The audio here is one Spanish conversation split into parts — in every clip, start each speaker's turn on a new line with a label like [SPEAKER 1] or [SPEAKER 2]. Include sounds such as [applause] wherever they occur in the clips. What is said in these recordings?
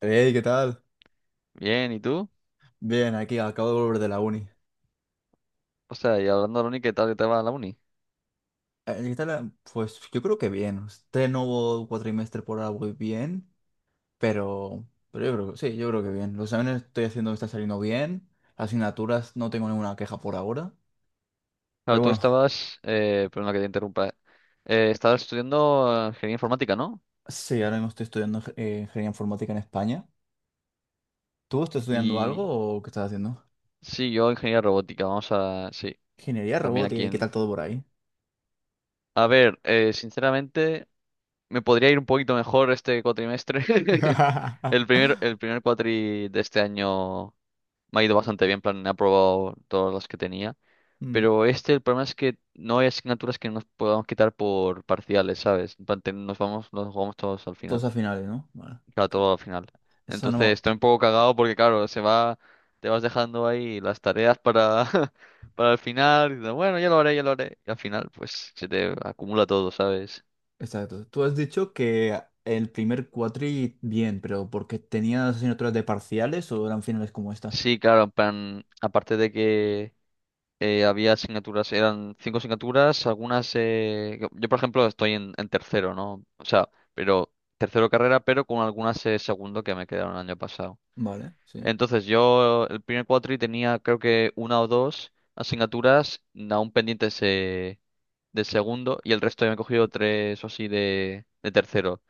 [SPEAKER 1] Hey, ¿qué tal?
[SPEAKER 2] Bien, ¿y tú?
[SPEAKER 1] Bien, aquí acabo de volver de la uni.
[SPEAKER 2] O sea, y hablando de la uni, ¿qué tal que te va la uni?
[SPEAKER 1] ¿Qué tal? Pues yo creo que bien. Este nuevo cuatrimestre por ahora voy bien, pero yo creo que sí, yo creo que bien. Los exámenes estoy haciendo, me está saliendo bien. Las asignaturas no tengo ninguna queja por ahora.
[SPEAKER 2] Claro,
[SPEAKER 1] Pero
[SPEAKER 2] tú
[SPEAKER 1] bueno,
[SPEAKER 2] estabas, perdona que te interrumpa, estabas estudiando ingeniería informática, ¿no?
[SPEAKER 1] sí, ahora mismo estoy estudiando ingeniería informática en España. ¿Tú estás estudiando algo
[SPEAKER 2] Y
[SPEAKER 1] o qué estás haciendo?
[SPEAKER 2] sí, yo ingeniería robótica, vamos a, sí,
[SPEAKER 1] Ingeniería
[SPEAKER 2] también aquí
[SPEAKER 1] robótica, ¿y qué tal
[SPEAKER 2] en.
[SPEAKER 1] todo por ahí?
[SPEAKER 2] A ver, sinceramente, me podría ir un poquito mejor este cuatrimestre. [laughs] El primer,
[SPEAKER 1] [laughs]
[SPEAKER 2] el primer cuatri de este año me ha ido bastante bien, en plan, he aprobado todas las que tenía.
[SPEAKER 1] Mm,
[SPEAKER 2] Pero este, el problema es que no hay asignaturas que nos podamos quitar por parciales, ¿sabes? En plan, nos jugamos todos al
[SPEAKER 1] todos
[SPEAKER 2] final.
[SPEAKER 1] a finales, ¿no? Vale.
[SPEAKER 2] Claro,
[SPEAKER 1] Que-
[SPEAKER 2] todo al final.
[SPEAKER 1] Eso
[SPEAKER 2] Entonces
[SPEAKER 1] no.
[SPEAKER 2] estoy un poco cagado porque, claro, te vas dejando ahí las tareas para, [laughs] para el final. Y dices, bueno, ya lo haré, ya lo haré. Y al final, pues, se te acumula todo, ¿sabes?
[SPEAKER 1] Exacto. Tú has dicho que el primer cuatri bien, pero ¿porque tenías asignaturas de parciales o eran finales como esta?
[SPEAKER 2] Sí, claro, en plan, aparte de que había asignaturas, eran cinco asignaturas, algunas. Yo, por ejemplo, estoy en, tercero, ¿no? O sea, pero tercero carrera, pero con algunas segundo que me quedaron el año pasado.
[SPEAKER 1] Vale, sí.
[SPEAKER 2] Entonces yo el primer cuatri tenía creo que una o dos asignaturas aún pendientes de segundo y el resto ya me he cogido tres o así de tercero.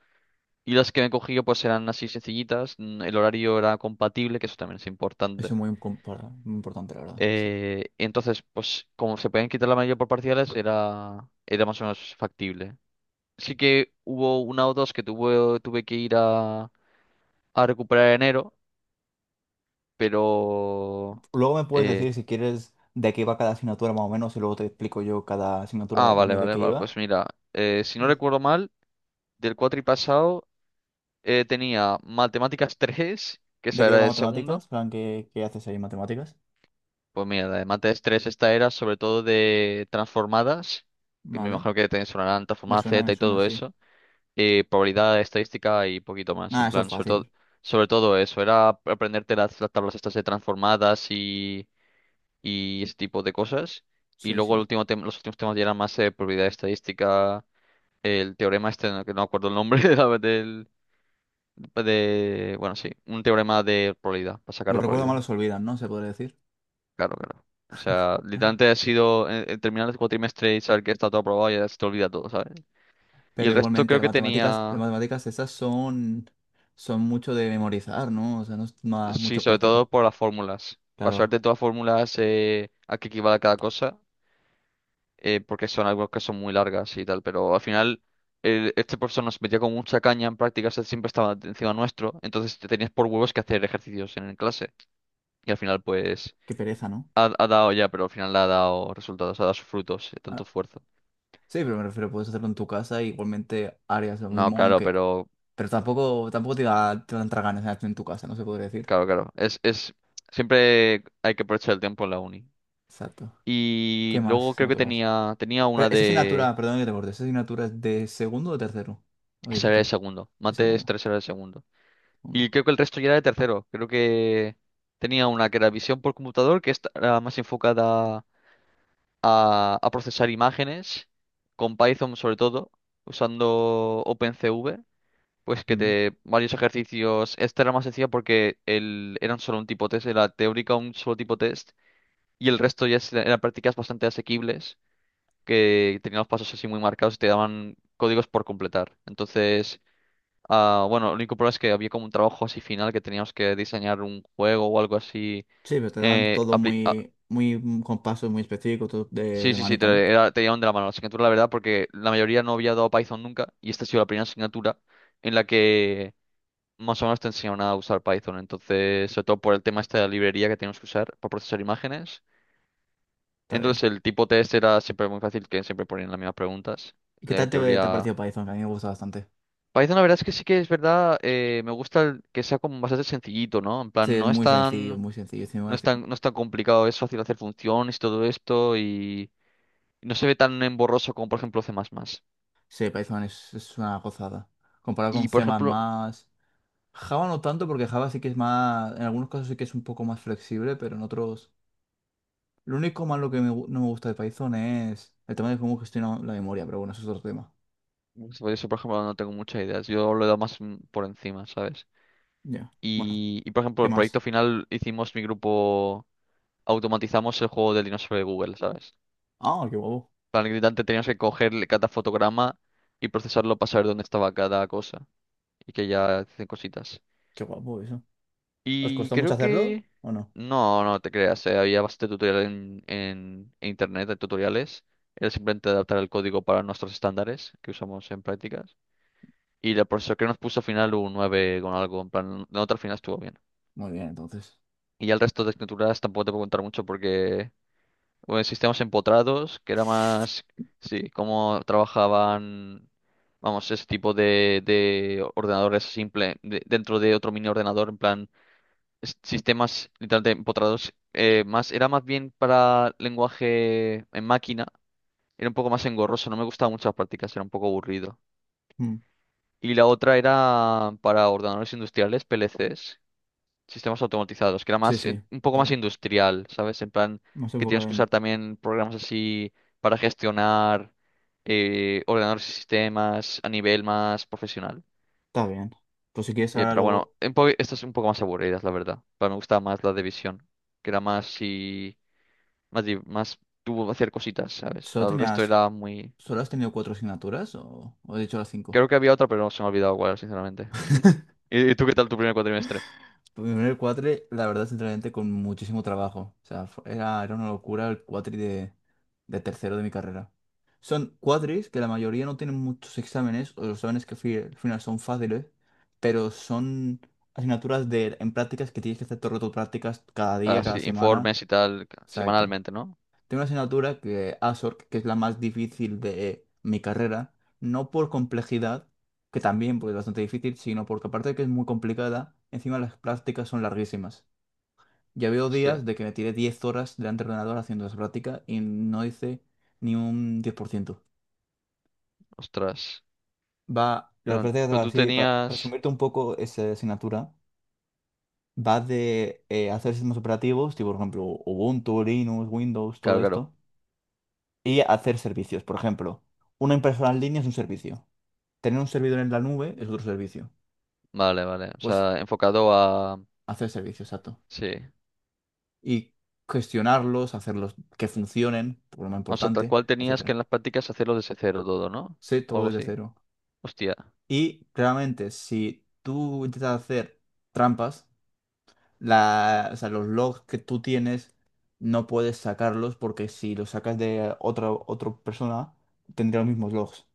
[SPEAKER 2] Y las que me he cogido pues eran así sencillitas, el horario era compatible, que eso también es
[SPEAKER 1] Eso
[SPEAKER 2] importante.
[SPEAKER 1] es muy, muy importante, la verdad. Sí.
[SPEAKER 2] Entonces, pues como se podían quitar la mayoría por parciales, era más o menos factible. Sí que hubo una o dos que tuve que ir a recuperar en enero, pero.
[SPEAKER 1] Luego me puedes
[SPEAKER 2] eh,
[SPEAKER 1] decir si quieres de qué iba cada asignatura más o menos y luego te explico yo cada asignatura,
[SPEAKER 2] ah,
[SPEAKER 1] la
[SPEAKER 2] vale,
[SPEAKER 1] mía de
[SPEAKER 2] vale,
[SPEAKER 1] qué
[SPEAKER 2] vale. Pues
[SPEAKER 1] iba.
[SPEAKER 2] mira, si no
[SPEAKER 1] Yes.
[SPEAKER 2] recuerdo mal, del cuatri pasado tenía matemáticas [laughs] 3 que
[SPEAKER 1] ¿De
[SPEAKER 2] esa
[SPEAKER 1] qué
[SPEAKER 2] era
[SPEAKER 1] iba
[SPEAKER 2] de segundo.
[SPEAKER 1] matemáticas? Plan, ¿qué haces ahí en matemáticas?
[SPEAKER 2] Pues mira, la de mates 3 esta era sobre todo de transformadas, que me
[SPEAKER 1] Vale.
[SPEAKER 2] imagino que te sonarán transformada Z
[SPEAKER 1] Me
[SPEAKER 2] y
[SPEAKER 1] suena,
[SPEAKER 2] todo
[SPEAKER 1] sí.
[SPEAKER 2] eso. Y probabilidad estadística y poquito más.
[SPEAKER 1] Ah,
[SPEAKER 2] En
[SPEAKER 1] eso es
[SPEAKER 2] plan,
[SPEAKER 1] fácil. Sí,
[SPEAKER 2] sobre todo eso. Era aprenderte las, tablas estas de transformadas y ese tipo de cosas. Y
[SPEAKER 1] sí, sí.
[SPEAKER 2] luego los últimos temas ya eran más probabilidad estadística. El teorema este, que no acuerdo el nombre [laughs] de la- del, de, bueno, sí, un teorema de probabilidad, para sacar
[SPEAKER 1] Los
[SPEAKER 2] la
[SPEAKER 1] recuerdos
[SPEAKER 2] probabilidad.
[SPEAKER 1] malos se olvidan, ¿no? Se podría decir.
[SPEAKER 2] Claro, claro. O sea, literalmente ha sido terminar el cuatrimestre y saber que está todo aprobado y ya se te olvida todo, ¿sabes? Y
[SPEAKER 1] Pero
[SPEAKER 2] el resto
[SPEAKER 1] igualmente,
[SPEAKER 2] creo
[SPEAKER 1] las
[SPEAKER 2] que
[SPEAKER 1] matemáticas, las
[SPEAKER 2] tenía.
[SPEAKER 1] matemáticas esas son, mucho de memorizar, ¿no? O sea, no es nada
[SPEAKER 2] Sí,
[SPEAKER 1] mucho
[SPEAKER 2] sobre
[SPEAKER 1] práctico.
[SPEAKER 2] todo por las fórmulas. Pasarte
[SPEAKER 1] Claro,
[SPEAKER 2] todas las fórmulas a qué equivale cada cosa, porque son algo que son muy largas y tal, pero al final este profesor nos metía con mucha caña en prácticas, él siempre estaba encima nuestro, entonces te tenías por huevos que hacer ejercicios en clase. Y al final pues
[SPEAKER 1] qué pereza, ¿no?
[SPEAKER 2] ha dado ya, pero al final le ha dado resultados, ha dado sus frutos,
[SPEAKER 1] Ah,
[SPEAKER 2] tanto esfuerzo.
[SPEAKER 1] sí, pero me refiero, puedes hacerlo en tu casa, igualmente harías lo
[SPEAKER 2] No,
[SPEAKER 1] mismo,
[SPEAKER 2] claro,
[SPEAKER 1] aunque...
[SPEAKER 2] pero
[SPEAKER 1] Pero tampoco te dan ganas de hacerlo en tu casa, no se podría decir.
[SPEAKER 2] claro, claro. Siempre hay que aprovechar el tiempo en la uni.
[SPEAKER 1] Exacto.
[SPEAKER 2] Y
[SPEAKER 1] ¿Qué más
[SPEAKER 2] luego creo que
[SPEAKER 1] asignaturas?
[SPEAKER 2] tenía
[SPEAKER 1] Pero
[SPEAKER 2] una
[SPEAKER 1] esa
[SPEAKER 2] de.
[SPEAKER 1] asignatura, perdón que te corte, ¿esa asignatura es de segundo o tercero? Habías
[SPEAKER 2] Ese era el
[SPEAKER 1] dicho,
[SPEAKER 2] segundo.
[SPEAKER 1] de
[SPEAKER 2] Mates
[SPEAKER 1] segundo.
[SPEAKER 2] 3 era el segundo. Y
[SPEAKER 1] Uno.
[SPEAKER 2] creo que el resto ya era el tercero. Creo que tenía una que era visión por computador, que esta era más enfocada a procesar imágenes, con Python sobre todo, usando OpenCV. Pues que
[SPEAKER 1] Mm.
[SPEAKER 2] te varios ejercicios. Esta era más sencilla porque eran solo un tipo test, era teórica un solo tipo test. Y el resto ya eran prácticas bastante asequibles, que tenían los pasos así muy marcados y te daban códigos por completar. Entonces. Ah, bueno, el único problema es que había como un trabajo así final que teníamos que diseñar un juego o algo así.
[SPEAKER 1] Sí, pero te dan
[SPEAKER 2] eh,
[SPEAKER 1] todo
[SPEAKER 2] apli- ah,
[SPEAKER 1] muy, muy con pasos muy específicos, todo de,
[SPEAKER 2] sí,
[SPEAKER 1] de
[SPEAKER 2] sí, sí. te,
[SPEAKER 1] manita, ¿no?
[SPEAKER 2] era- te llevaban de la mano la asignatura, la verdad, porque la mayoría no había dado Python nunca y esta ha sido la primera asignatura en la que más o menos te enseñaban a usar Python. Entonces, sobre todo por el tema este de la librería que teníamos que usar para procesar imágenes.
[SPEAKER 1] Está bien.
[SPEAKER 2] Entonces, el tipo test era siempre muy fácil, que siempre ponían las mismas preguntas
[SPEAKER 1] ¿Y qué
[SPEAKER 2] de
[SPEAKER 1] tal te ha
[SPEAKER 2] teoría.
[SPEAKER 1] parecido Python? Que a mí me gusta bastante.
[SPEAKER 2] Python, la verdad es que sí que es verdad, me gusta que sea como bastante sencillito, ¿no? En
[SPEAKER 1] Sí,
[SPEAKER 2] plan,
[SPEAKER 1] es
[SPEAKER 2] no es
[SPEAKER 1] muy sencillo,
[SPEAKER 2] tan.
[SPEAKER 1] muy sencillo.
[SPEAKER 2] No
[SPEAKER 1] Encima,
[SPEAKER 2] es tan, no es tan complicado, es fácil hacer funciones, todo esto, y no se ve tan emborroso como, por ejemplo, C++.
[SPEAKER 1] sí, Python es una gozada. Comparado con
[SPEAKER 2] Y, por
[SPEAKER 1] C++,
[SPEAKER 2] ejemplo,
[SPEAKER 1] Java no tanto, porque Java sí que es más... En algunos casos sí que es un poco más flexible, pero en otros... Lo único malo que no me gusta de Python es el tema de cómo gestiona la memoria, pero bueno, eso es otro tema.
[SPEAKER 2] sobre eso, por ejemplo, no tengo muchas ideas. Yo lo he dado más por encima, ¿sabes?
[SPEAKER 1] Ya, bueno,
[SPEAKER 2] Y, por ejemplo,
[SPEAKER 1] ¿qué
[SPEAKER 2] el
[SPEAKER 1] más?
[SPEAKER 2] proyecto final hicimos mi grupo, automatizamos el juego del dinosaurio de Google, ¿sabes?
[SPEAKER 1] Ah, qué guapo.
[SPEAKER 2] Para el gritante teníamos que coger cada fotograma y procesarlo para saber dónde estaba cada cosa y que ya hacen cositas.
[SPEAKER 1] Qué guapo eso. ¿Os
[SPEAKER 2] Y
[SPEAKER 1] costó mucho
[SPEAKER 2] creo
[SPEAKER 1] hacerlo
[SPEAKER 2] que.
[SPEAKER 1] o no?
[SPEAKER 2] No, no te creas, había bastante tutorial en, internet, de tutoriales. Era simplemente adaptar el código para nuestros estándares que usamos en prácticas. Y el profesor que nos puso al final un 9 con algo, en plan, la nota al final estuvo bien.
[SPEAKER 1] Muy bien, entonces.
[SPEAKER 2] Y ya el resto de asignaturas tampoco te puedo contar mucho porque. Bueno, sistemas empotrados, que era más. Sí, cómo trabajaban. Vamos, ese tipo de ordenadores simple dentro de otro mini ordenador, en plan. Sistemas literalmente empotrados, era más bien para lenguaje en máquina, era un poco más engorroso, no me gustaban muchas prácticas, era un poco aburrido.
[SPEAKER 1] Mm,
[SPEAKER 2] Y la otra era para ordenadores industriales, PLCs, sistemas automatizados, que era
[SPEAKER 1] sí, sí,
[SPEAKER 2] un poco
[SPEAKER 1] está
[SPEAKER 2] más
[SPEAKER 1] bien.
[SPEAKER 2] industrial, ¿sabes? En plan,
[SPEAKER 1] Más
[SPEAKER 2] que
[SPEAKER 1] enfocado
[SPEAKER 2] tienes que usar
[SPEAKER 1] en...
[SPEAKER 2] también programas así para gestionar ordenadores y sistemas a nivel más profesional.
[SPEAKER 1] Está bien. Pues si quieres,
[SPEAKER 2] Eh,
[SPEAKER 1] ahora
[SPEAKER 2] pero bueno,
[SPEAKER 1] luego...
[SPEAKER 2] estas son un poco más aburridas, la verdad. Pero me gustaba más la de visión, que era más si más, di- más tuvo hacer cositas, ¿sabes?
[SPEAKER 1] ¿Solo
[SPEAKER 2] El resto
[SPEAKER 1] tenías,
[SPEAKER 2] era muy.
[SPEAKER 1] solo has tenido cuatro asignaturas o he dicho las cinco?
[SPEAKER 2] Creo que había otra, pero no se me ha olvidado cuál, sinceramente.
[SPEAKER 1] [laughs]
[SPEAKER 2] ¿Y tú qué tal tu primer cuatrimestre?
[SPEAKER 1] Primero el cuatri, la verdad, sinceramente, con muchísimo trabajo. O sea, era una locura el cuatri de tercero de mi carrera. Son cuatris que la mayoría no tienen muchos exámenes, o los exámenes que al final son fáciles, pero son asignaturas en prácticas que tienes que hacer todo el rato prácticas cada día,
[SPEAKER 2] Ah,
[SPEAKER 1] cada
[SPEAKER 2] sí,
[SPEAKER 1] semana.
[SPEAKER 2] informes y tal,
[SPEAKER 1] Exacto.
[SPEAKER 2] semanalmente, ¿no?
[SPEAKER 1] Tengo una asignatura que ASORC, que es la más difícil de mi carrera, no por complejidad, que también pues, es bastante difícil, sino porque aparte de que es muy complicada, encima las prácticas son larguísimas. Ya veo
[SPEAKER 2] Hostia,
[SPEAKER 1] días de que me tiré 10 horas delante del ordenador haciendo esa práctica y no hice ni un 10%.
[SPEAKER 2] ostras.
[SPEAKER 1] Va, las
[SPEAKER 2] Pero,
[SPEAKER 1] prácticas,
[SPEAKER 2] pero tú
[SPEAKER 1] así, para
[SPEAKER 2] tenías.
[SPEAKER 1] resumirte un poco esa asignatura, va de hacer sistemas operativos, tipo por ejemplo Ubuntu, Linux, Windows, todo
[SPEAKER 2] Claro, claro.
[SPEAKER 1] esto y hacer servicios. Por ejemplo, una impresora en línea es un servicio. Tener un servidor en la nube es otro servicio.
[SPEAKER 2] Vale, vale. O
[SPEAKER 1] Pues
[SPEAKER 2] sea, enfocado a.
[SPEAKER 1] hacer servicios, exacto.
[SPEAKER 2] Sí.
[SPEAKER 1] Y gestionarlos, hacerlos que funcionen, por lo más
[SPEAKER 2] O sea, tal
[SPEAKER 1] importante,
[SPEAKER 2] cual tenías que en
[SPEAKER 1] etcétera.
[SPEAKER 2] las prácticas hacerlo desde cero todo, ¿no?
[SPEAKER 1] Sé
[SPEAKER 2] O
[SPEAKER 1] todo
[SPEAKER 2] algo
[SPEAKER 1] desde
[SPEAKER 2] así.
[SPEAKER 1] cero.
[SPEAKER 2] Hostia.
[SPEAKER 1] Y claramente, si tú intentas hacer trampas, o sea, los logs que tú tienes no puedes sacarlos porque si los sacas de otra persona, tendría los mismos logs.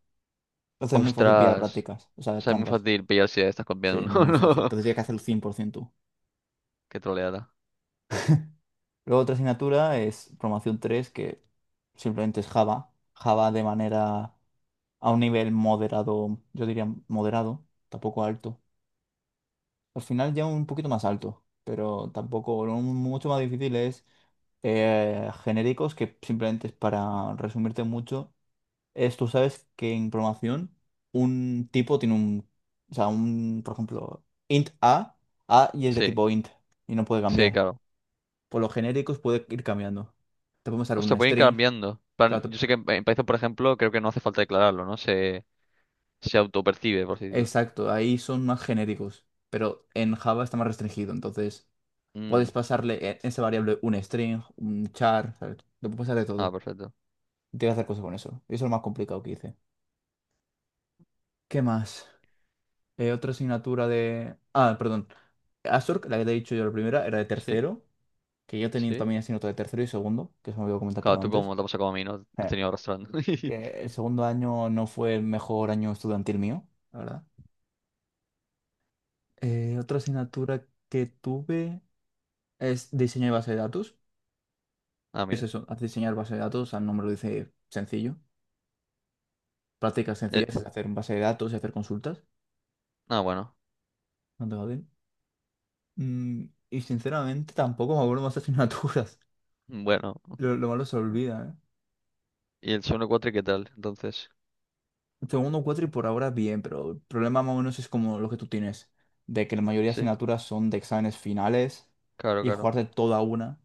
[SPEAKER 1] Entonces es muy fácil pillar
[SPEAKER 2] Ostras.
[SPEAKER 1] prácticas, o
[SPEAKER 2] O
[SPEAKER 1] sea,
[SPEAKER 2] sea, es muy
[SPEAKER 1] trampas.
[SPEAKER 2] fácil pillar si estás
[SPEAKER 1] Sí,
[SPEAKER 2] copiando,
[SPEAKER 1] es
[SPEAKER 2] [laughs] ¿no?
[SPEAKER 1] muy fácil.
[SPEAKER 2] No.
[SPEAKER 1] Entonces tienes que hacerlo 100% tú.
[SPEAKER 2] Qué troleada.
[SPEAKER 1] Luego otra asignatura es programación 3 que simplemente es Java. Java de manera a un nivel moderado, yo diría moderado, tampoco alto. Al final ya un poquito más alto, pero tampoco, lo mucho más difícil es genéricos, que simplemente es para resumirte mucho, es tú sabes que en programación un tipo tiene un, o sea, un, por ejemplo, int a y es de
[SPEAKER 2] Sí,
[SPEAKER 1] tipo int y no puede
[SPEAKER 2] sí,
[SPEAKER 1] cambiar.
[SPEAKER 2] claro.
[SPEAKER 1] Por los genéricos puede ir cambiando. Te podemos dar
[SPEAKER 2] O sea,
[SPEAKER 1] un
[SPEAKER 2] pueden ir
[SPEAKER 1] string.
[SPEAKER 2] cambiando. Plan,
[SPEAKER 1] Claro,
[SPEAKER 2] yo sé que en, Python, por ejemplo, creo que no hace falta declararlo, ¿no? Se autopercibe, por así decirlo.
[SPEAKER 1] exacto, ahí son más genéricos, pero en Java está más restringido. Entonces, puedes
[SPEAKER 2] Mm.
[SPEAKER 1] pasarle esa variable un string, un char, ¿sabes? Le puedes pasar de
[SPEAKER 2] Ah,
[SPEAKER 1] todo.
[SPEAKER 2] perfecto.
[SPEAKER 1] Tienes que hacer cosas con eso. Y eso es lo más complicado que hice. ¿Qué más? Otra asignatura de... Ah, perdón. Astorg, la que te he dicho yo la primera, era de
[SPEAKER 2] Sí,
[SPEAKER 1] tercero, que yo tenía
[SPEAKER 2] sí.
[SPEAKER 1] también asignatura de tercero y segundo, que eso me olvidó
[SPEAKER 2] Claro,
[SPEAKER 1] comentártelo
[SPEAKER 2] tú
[SPEAKER 1] antes.
[SPEAKER 2] como
[SPEAKER 1] [laughs]
[SPEAKER 2] te pasa como a mí, ¿no? Has
[SPEAKER 1] Eh,
[SPEAKER 2] tenido arrastrando.
[SPEAKER 1] que
[SPEAKER 2] [laughs]
[SPEAKER 1] el segundo año no fue el mejor año estudiantil mío, la verdad. Otra asignatura que tuve es diseño de base de datos.
[SPEAKER 2] Ah,
[SPEAKER 1] Es
[SPEAKER 2] mira.
[SPEAKER 1] eso, haz diseñar base de datos, al nombre lo dice sencillo. Prácticas
[SPEAKER 2] Eh,
[SPEAKER 1] sencillas es hacer base de datos y hacer consultas.
[SPEAKER 2] ah, bueno.
[SPEAKER 1] No tengo bien. Y sinceramente tampoco me acuerdo más asignaturas. [laughs]
[SPEAKER 2] Bueno.
[SPEAKER 1] Lo malo se olvida,
[SPEAKER 2] ¿Y el segundo cuatri qué tal? Entonces,
[SPEAKER 1] ¿eh? Segundo cuatro y por ahora bien, pero el problema más o menos es como lo que tú tienes, de que la mayoría de
[SPEAKER 2] sí,
[SPEAKER 1] asignaturas son de exámenes finales
[SPEAKER 2] claro,
[SPEAKER 1] y
[SPEAKER 2] claro.
[SPEAKER 1] jugarte toda una.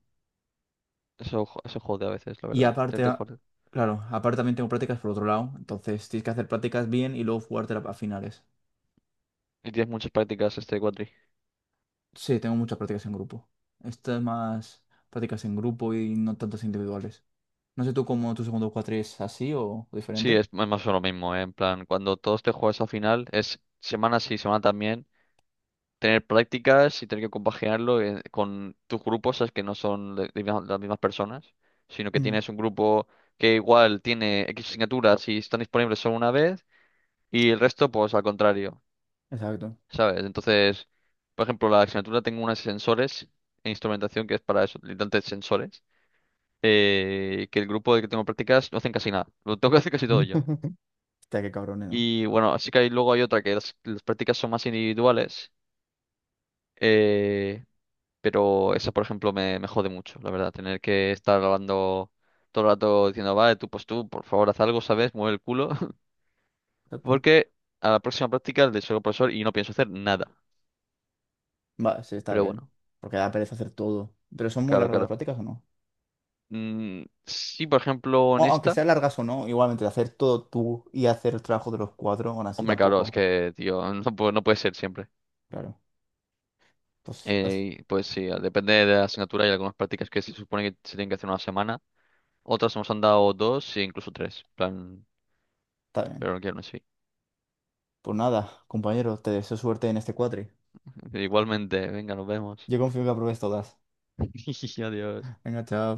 [SPEAKER 2] Eso jode a veces, la
[SPEAKER 1] Y
[SPEAKER 2] verdad.
[SPEAKER 1] aparte,
[SPEAKER 2] Te jode.
[SPEAKER 1] claro, aparte también tengo prácticas por otro lado. Entonces tienes que hacer prácticas bien y luego jugarte a finales.
[SPEAKER 2] Y tienes muchas prácticas este cuatri.
[SPEAKER 1] Sí, tengo muchas prácticas en grupo. Esto es más prácticas en grupo y no tantas individuales. No sé tú cómo tu segundo cuatri es así o
[SPEAKER 2] Sí,
[SPEAKER 1] diferente.
[SPEAKER 2] es más o menos lo mismo, ¿eh? En plan, cuando todos te juegas al final, es semana sí, semana también. Tener prácticas y tener que compaginarlo con tus grupos, sabes que no son las mismas personas, sino que
[SPEAKER 1] Mm,
[SPEAKER 2] tienes un grupo que igual tiene X asignaturas y están disponibles solo una vez y el resto pues al contrario,
[SPEAKER 1] exacto.
[SPEAKER 2] ¿sabes? Entonces, por ejemplo, la asignatura tengo unas sensores e instrumentación que es para eso, literalmente sensores. Que el grupo del que tengo prácticas no hacen casi nada, [laughs] lo tengo que hacer casi todo yo.
[SPEAKER 1] [laughs] Hostia, qué cabrones, ¿no?
[SPEAKER 2] Y bueno, así que luego hay otra que las, prácticas son más individuales. Eh, Pero esa, por ejemplo, me jode mucho, la verdad. Tener que estar grabando todo el rato diciendo, vale, tú, pues tú, por favor, haz algo, ¿sabes? Mueve el culo. [laughs]
[SPEAKER 1] Exacto.
[SPEAKER 2] Porque a la próxima práctica le soy profesor y no pienso hacer nada.
[SPEAKER 1] Va, sí, está
[SPEAKER 2] Pero
[SPEAKER 1] bien.
[SPEAKER 2] bueno,
[SPEAKER 1] Porque da pereza hacer todo. Pero son muy
[SPEAKER 2] claro,
[SPEAKER 1] largas las
[SPEAKER 2] claro.
[SPEAKER 1] prácticas o no.
[SPEAKER 2] Mm, sí, por ejemplo,
[SPEAKER 1] O-
[SPEAKER 2] en
[SPEAKER 1] aunque
[SPEAKER 2] esta.
[SPEAKER 1] sean largas o no, igualmente hacer todo tú y hacer el trabajo de los cuatro, aún así
[SPEAKER 2] Hombre, claro, es
[SPEAKER 1] tampoco.
[SPEAKER 2] que, tío, [laughs] no puede ser siempre.
[SPEAKER 1] Claro. Pues
[SPEAKER 2] Pues sí, depende de la asignatura. Hay algunas prácticas que se supone que se tienen que hacer una semana. Otras nos han dado dos e incluso tres. En plan,
[SPEAKER 1] está bien.
[SPEAKER 2] pero no quiero así.
[SPEAKER 1] Pues nada, compañero, te deseo suerte en este cuatri.
[SPEAKER 2] [laughs] Igualmente, venga, nos vemos.
[SPEAKER 1] Yo confío que apruebes todas.
[SPEAKER 2] [laughs] Adiós.
[SPEAKER 1] Venga, chao.